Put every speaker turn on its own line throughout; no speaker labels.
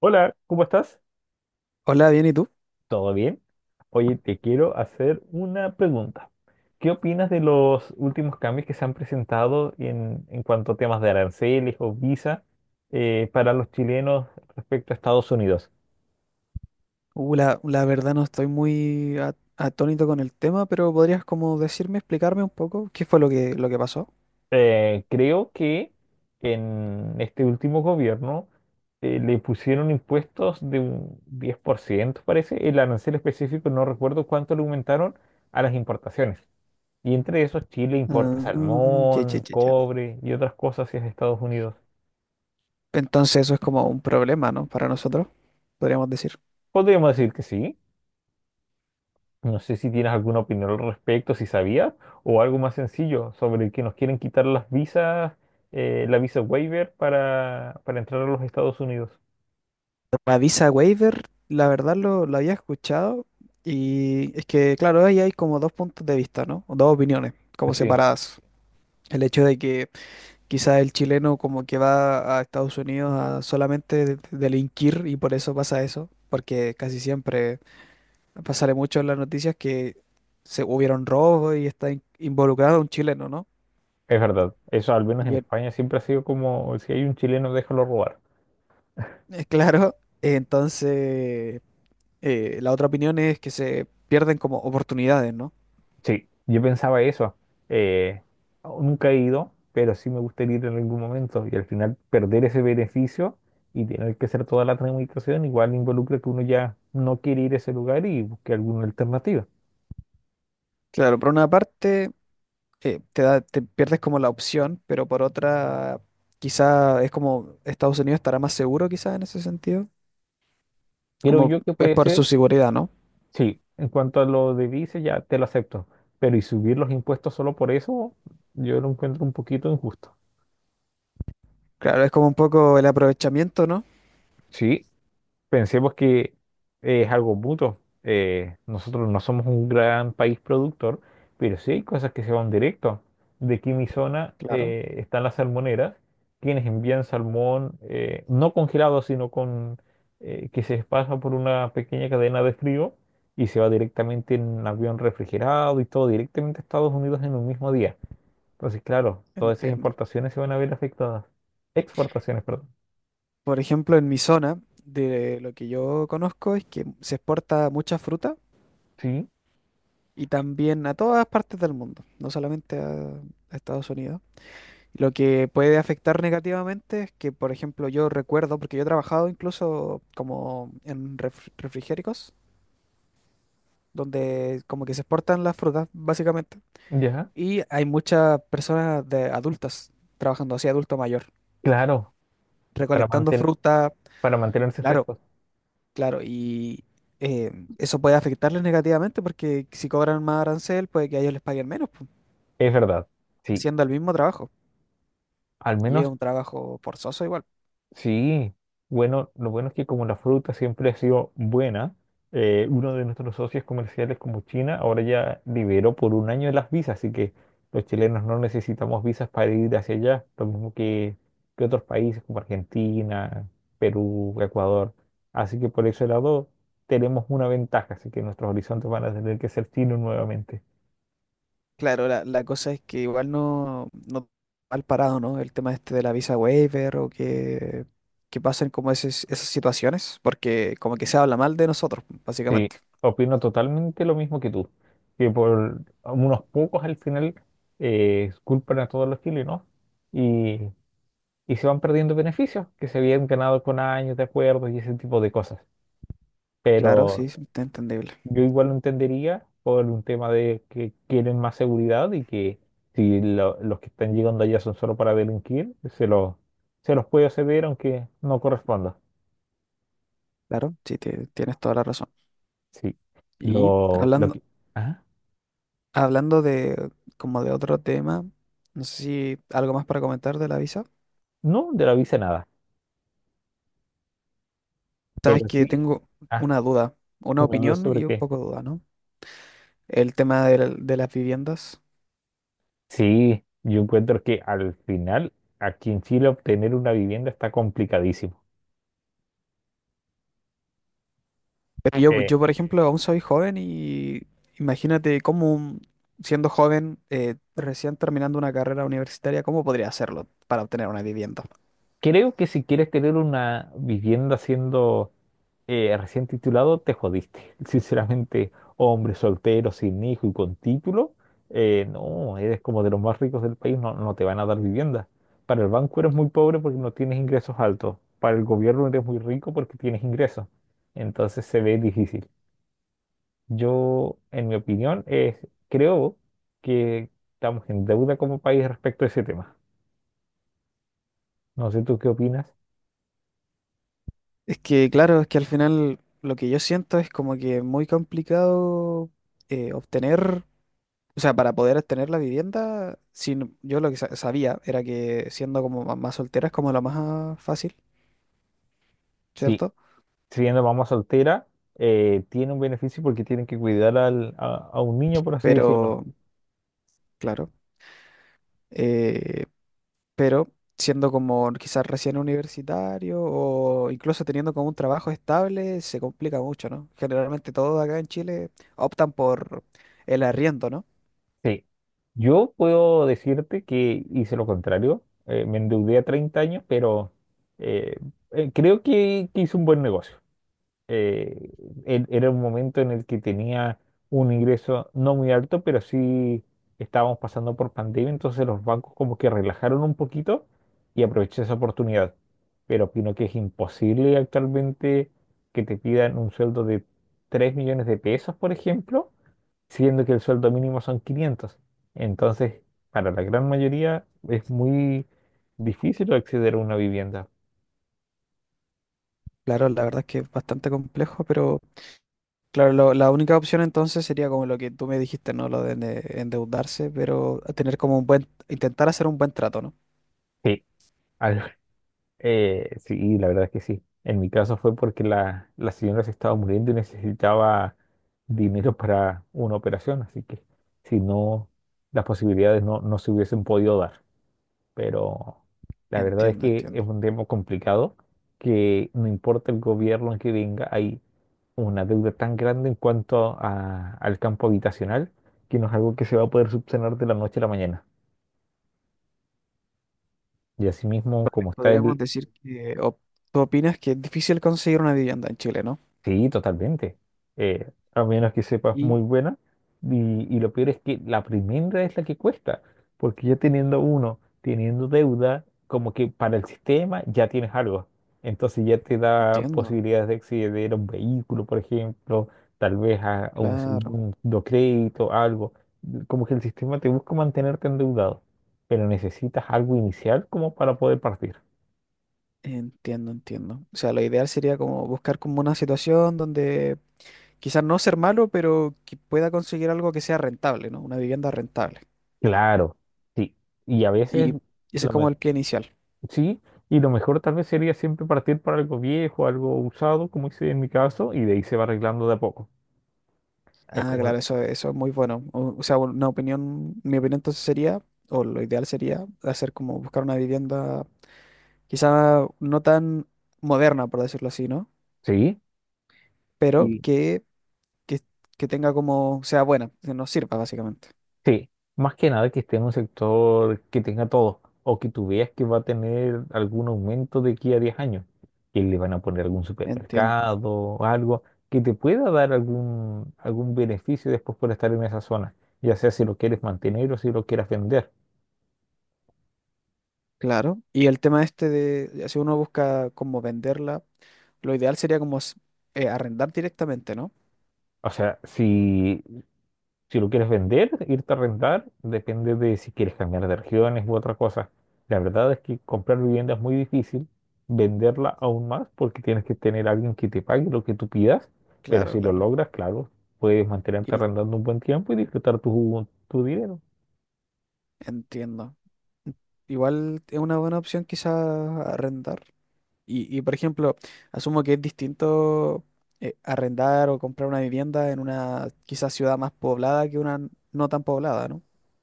Hola, ¿cómo estás?
Hola, bien, ¿y tú?
¿Todo bien? Oye, te quiero hacer una pregunta. ¿Qué opinas de los últimos cambios que se han presentado en cuanto a temas de aranceles o visa para los chilenos respecto a Estados Unidos?
La verdad no estoy muy atónito con el tema, pero podrías como decirme, explicarme un poco qué fue lo que pasó.
Creo que en este último gobierno le pusieron impuestos de un 10%, parece. El arancel específico, no recuerdo cuánto le aumentaron a las importaciones. Y entre esos, Chile importa
Ah, che, che,
salmón,
che, che.
cobre y otras cosas hacia Estados Unidos.
Entonces eso es como un problema, ¿no? Para nosotros, podríamos decir.
Podríamos decir que sí. No sé si tienes alguna opinión al respecto, si sabías, o algo más sencillo sobre que nos quieren quitar las visas, la visa waiver para entrar a los Estados Unidos.
La visa waiver, la verdad lo había escuchado y es que, claro, ahí hay como dos puntos de vista, ¿no? O dos opiniones, como
Sí,
separadas. El hecho de que quizás el chileno como que va a Estados Unidos a solamente delinquir y por eso pasa eso, porque casi siempre pasaré mucho en las noticias que se hubieron robos y está involucrado un chileno, ¿no?
es verdad. Eso al menos
Y
en
el-
España siempre ha sido como si hay un chileno, déjalo robar.
es claro, entonces la otra opinión es que se pierden como oportunidades, ¿no?
Sí, yo pensaba eso. Eh, oh, Nunca he ido, pero sí me gustaría ir en algún momento y al final perder ese beneficio y tener que hacer toda la tramitación igual involucra que uno ya no quiere ir a ese lugar y busque alguna alternativa.
Claro, por una parte, te da, te pierdes como la opción, pero por otra quizá es como Estados Unidos estará más seguro quizás en ese sentido,
Creo
como
yo que
es
puede
por
ser,
su seguridad, ¿no?
sí, en cuanto a lo de vice ya te lo acepto, pero y subir los impuestos solo por eso, yo lo encuentro un poquito injusto.
Claro, es como un poco el aprovechamiento, ¿no?
Sí, pensemos que es algo mutuo. Nosotros no somos un gran país productor, pero sí hay cosas que se van directo. De aquí en mi zona
Claro,
están las salmoneras, quienes envían salmón no congelado, sino con que se pasa por una pequeña cadena de frío y se va directamente en un avión refrigerado y todo directamente a Estados Unidos en un mismo día. Entonces, claro, todas esas
entiendo.
importaciones se van a ver afectadas. Exportaciones, perdón.
Por ejemplo, en mi zona, de lo que yo conozco es que se exporta mucha fruta
Sí,
y también a todas partes del mundo, no solamente a Estados Unidos. Lo que puede afectar negativamente es que, por ejemplo, yo recuerdo, porque yo he trabajado incluso como en refrigéricos, donde como que se exportan las frutas, básicamente,
ya,
y hay muchas personas de adultas trabajando así, adulto mayor,
claro, para
recolectando
mantener.
fruta.
Para mantenerse
Claro,
frescos.
claro, y eh, eso puede afectarles negativamente porque si cobran más arancel, puede que a ellos les paguen menos, pu,
Es verdad, sí.
haciendo el mismo trabajo.
Al
Y es
menos,
un trabajo forzoso igual.
sí. Bueno, lo bueno es que como la fruta siempre ha sido buena, uno de nuestros socios comerciales como China ahora ya liberó por un año las visas, así que los chilenos no necesitamos visas para ir hacia allá, lo mismo que otros países como Argentina, Perú, Ecuador. Así que por ese lado tenemos una ventaja, así que nuestros horizontes van a tener que ser chinos nuevamente.
Claro, la cosa es que igual no mal parado, ¿no? El tema este de la visa waiver o que pasen como esas situaciones, porque como que se habla mal de nosotros,
Sí,
básicamente.
opino totalmente lo mismo que tú, que por unos pocos al final culpan a todos los chilenos y, y se van perdiendo beneficios que se habían ganado con años de acuerdos y ese tipo de cosas.
Claro, sí,
Pero
sí, está entendible.
yo igual lo entendería por un tema de que quieren más seguridad y que si los que están llegando allá son solo para delinquir, se los puede acceder aunque no corresponda.
Claro, sí, tienes toda la razón.
Sí,
Y
lo
hablando,
que... ¿Ah?
Hablando de como de otro tema, no sé si algo más para comentar de la visa.
No, de la visa nada,
Sabes
pero
que
sí.
tengo
ah,
una duda, una
¿No
opinión
sobre
y un
qué?
poco de duda, ¿no? El tema de las viviendas.
Sí, yo encuentro que al final aquí en Chile obtener una vivienda está complicadísimo.
Pero yo,
Eh,
yo, por ejemplo, aún soy joven y imagínate cómo, siendo joven, recién terminando una carrera universitaria, ¿cómo podría hacerlo para obtener una vivienda?
Creo que si quieres tener una vivienda siendo recién titulado, te jodiste. Sinceramente, hombre soltero, sin hijo y con título, no, eres como de los más ricos del país, no, no te van a dar vivienda. Para el banco eres muy pobre porque no tienes ingresos altos. Para el gobierno eres muy rico porque tienes ingresos. Entonces se ve difícil. Yo, en mi opinión, es, creo que estamos en deuda como país respecto a ese tema. No sé tú qué opinas.
Es que, claro, es que al final lo que yo siento es como que muy complicado obtener. O sea, para poder tener la vivienda, sin, yo lo que sabía era que siendo como más soltera es como lo más fácil,
Sí,
¿cierto?
siendo mamá soltera, tiene un beneficio porque tienen que cuidar a un niño, por así decirlo.
Pero, claro, eh, pero siendo como quizás recién universitario o incluso teniendo como un trabajo estable, se complica mucho, ¿no? Generalmente todos acá en Chile optan por el arriendo, ¿no?
Sí, yo puedo decirte que hice lo contrario. Me endeudé a 30 años, pero eh, creo que hice un buen negocio. eh, Era un momento en el que tenía un ingreso no muy alto, pero sí estábamos pasando por pandemia, entonces los bancos como que relajaron un poquito y aproveché esa oportunidad. Pero opino que es imposible actualmente que te pidan un sueldo de 3 millones de pesos, por ejemplo, siendo que el sueldo mínimo son 500. Entonces, para la gran mayoría es muy difícil acceder a una vivienda.
Claro, la verdad es que es bastante complejo, pero claro, la única opción entonces sería como lo que tú me dijiste, ¿no? Lo de endeudarse, pero tener como un buen, intentar hacer un buen trato, ¿no?
Sí. Al- sí, la verdad es que sí. En mi caso fue porque la señora se estaba muriendo y necesitaba dinero para una operación, así que si no, las posibilidades no se hubiesen podido dar. Pero la verdad es
Entiendo,
que es
entiendo.
un tema complicado que no importa el gobierno que venga, hay una deuda tan grande en cuanto al campo habitacional que no es algo que se va a poder subsanar de la noche a la mañana. Y asimismo,
Vale,
como está
podríamos
el.
decir que tú opinas que es difícil conseguir una vivienda en Chile, ¿no?
Sí, totalmente. A menos que sepas
Y
muy buena. Y lo peor es que la primera es la que cuesta, porque ya teniendo uno, teniendo deuda, como que para el sistema ya tienes algo. Entonces ya te da
entiendo,
posibilidades de acceder a un vehículo, por ejemplo, tal vez a un
claro,
segundo crédito, algo. Como que el sistema te busca mantenerte endeudado, pero necesitas algo inicial como para poder partir.
entiendo, entiendo. O sea, lo ideal sería como buscar como una situación donde quizás no ser malo, pero que pueda conseguir algo que sea rentable, ¿no? Una vivienda rentable.
Claro, sí. Y a veces...
Y ese es
Lo, me-
como el pie inicial.
Sí, y lo mejor tal vez sería siempre partir para algo viejo, algo usado, como hice en mi caso, y de ahí se va arreglando de a poco. Es
Ah,
como,
claro, eso es muy bueno. O sea, una opinión, mi opinión entonces sería, o lo ideal sería, hacer como buscar una vivienda quizá no tan moderna, por decirlo así, ¿no?
sí,
Pero
y
que, que tenga como, sea buena, que nos sirva básicamente.
sí, más que nada que esté en un sector que tenga todo, o que tú veas que va a tener algún aumento de aquí a 10 años, que le van a poner algún
Entiendo.
supermercado o algo que te pueda dar algún beneficio después por estar en esa zona, ya sea si lo quieres mantener o si lo quieres vender.
Claro. Y el tema este de, si uno busca como venderla, lo ideal sería como arrendar directamente, ¿no?
O sea, Si lo quieres vender, irte a rentar, depende de si quieres cambiar de regiones u otra cosa. La verdad es que comprar vivienda es muy difícil, venderla aún más porque tienes que tener a alguien que te pague lo que tú pidas, pero
Claro,
si lo
claro.
logras, claro, puedes
Y
mantenerte
el,
arrendando un buen tiempo y disfrutar tu dinero.
entiendo. Igual es una buena opción quizá arrendar. Por ejemplo, asumo que es distinto arrendar o comprar una vivienda en una quizás ciudad más poblada que una no tan poblada, ¿no?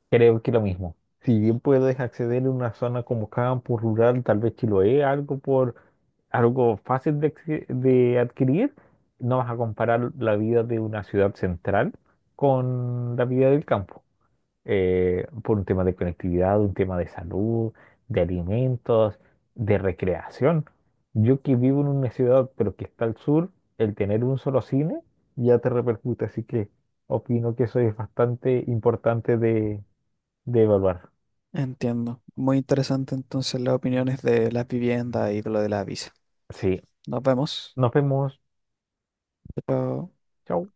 Creo que lo mismo. Si bien puedes acceder a una zona como campo rural, tal vez Chiloé, algo por algo fácil de adquirir, no vas a comparar la vida de una ciudad central con la vida del campo, por un tema de conectividad, un tema de salud, de alimentos, de recreación. Yo que vivo en una ciudad, pero que está al sur, el tener un solo cine ya te repercute, así que opino que eso es bastante importante de evaluar.
Entiendo. Muy interesante entonces las opiniones de las viviendas y de lo de la visa.
Sí,
Nos vemos.
nos vemos.
Chao.
Chao.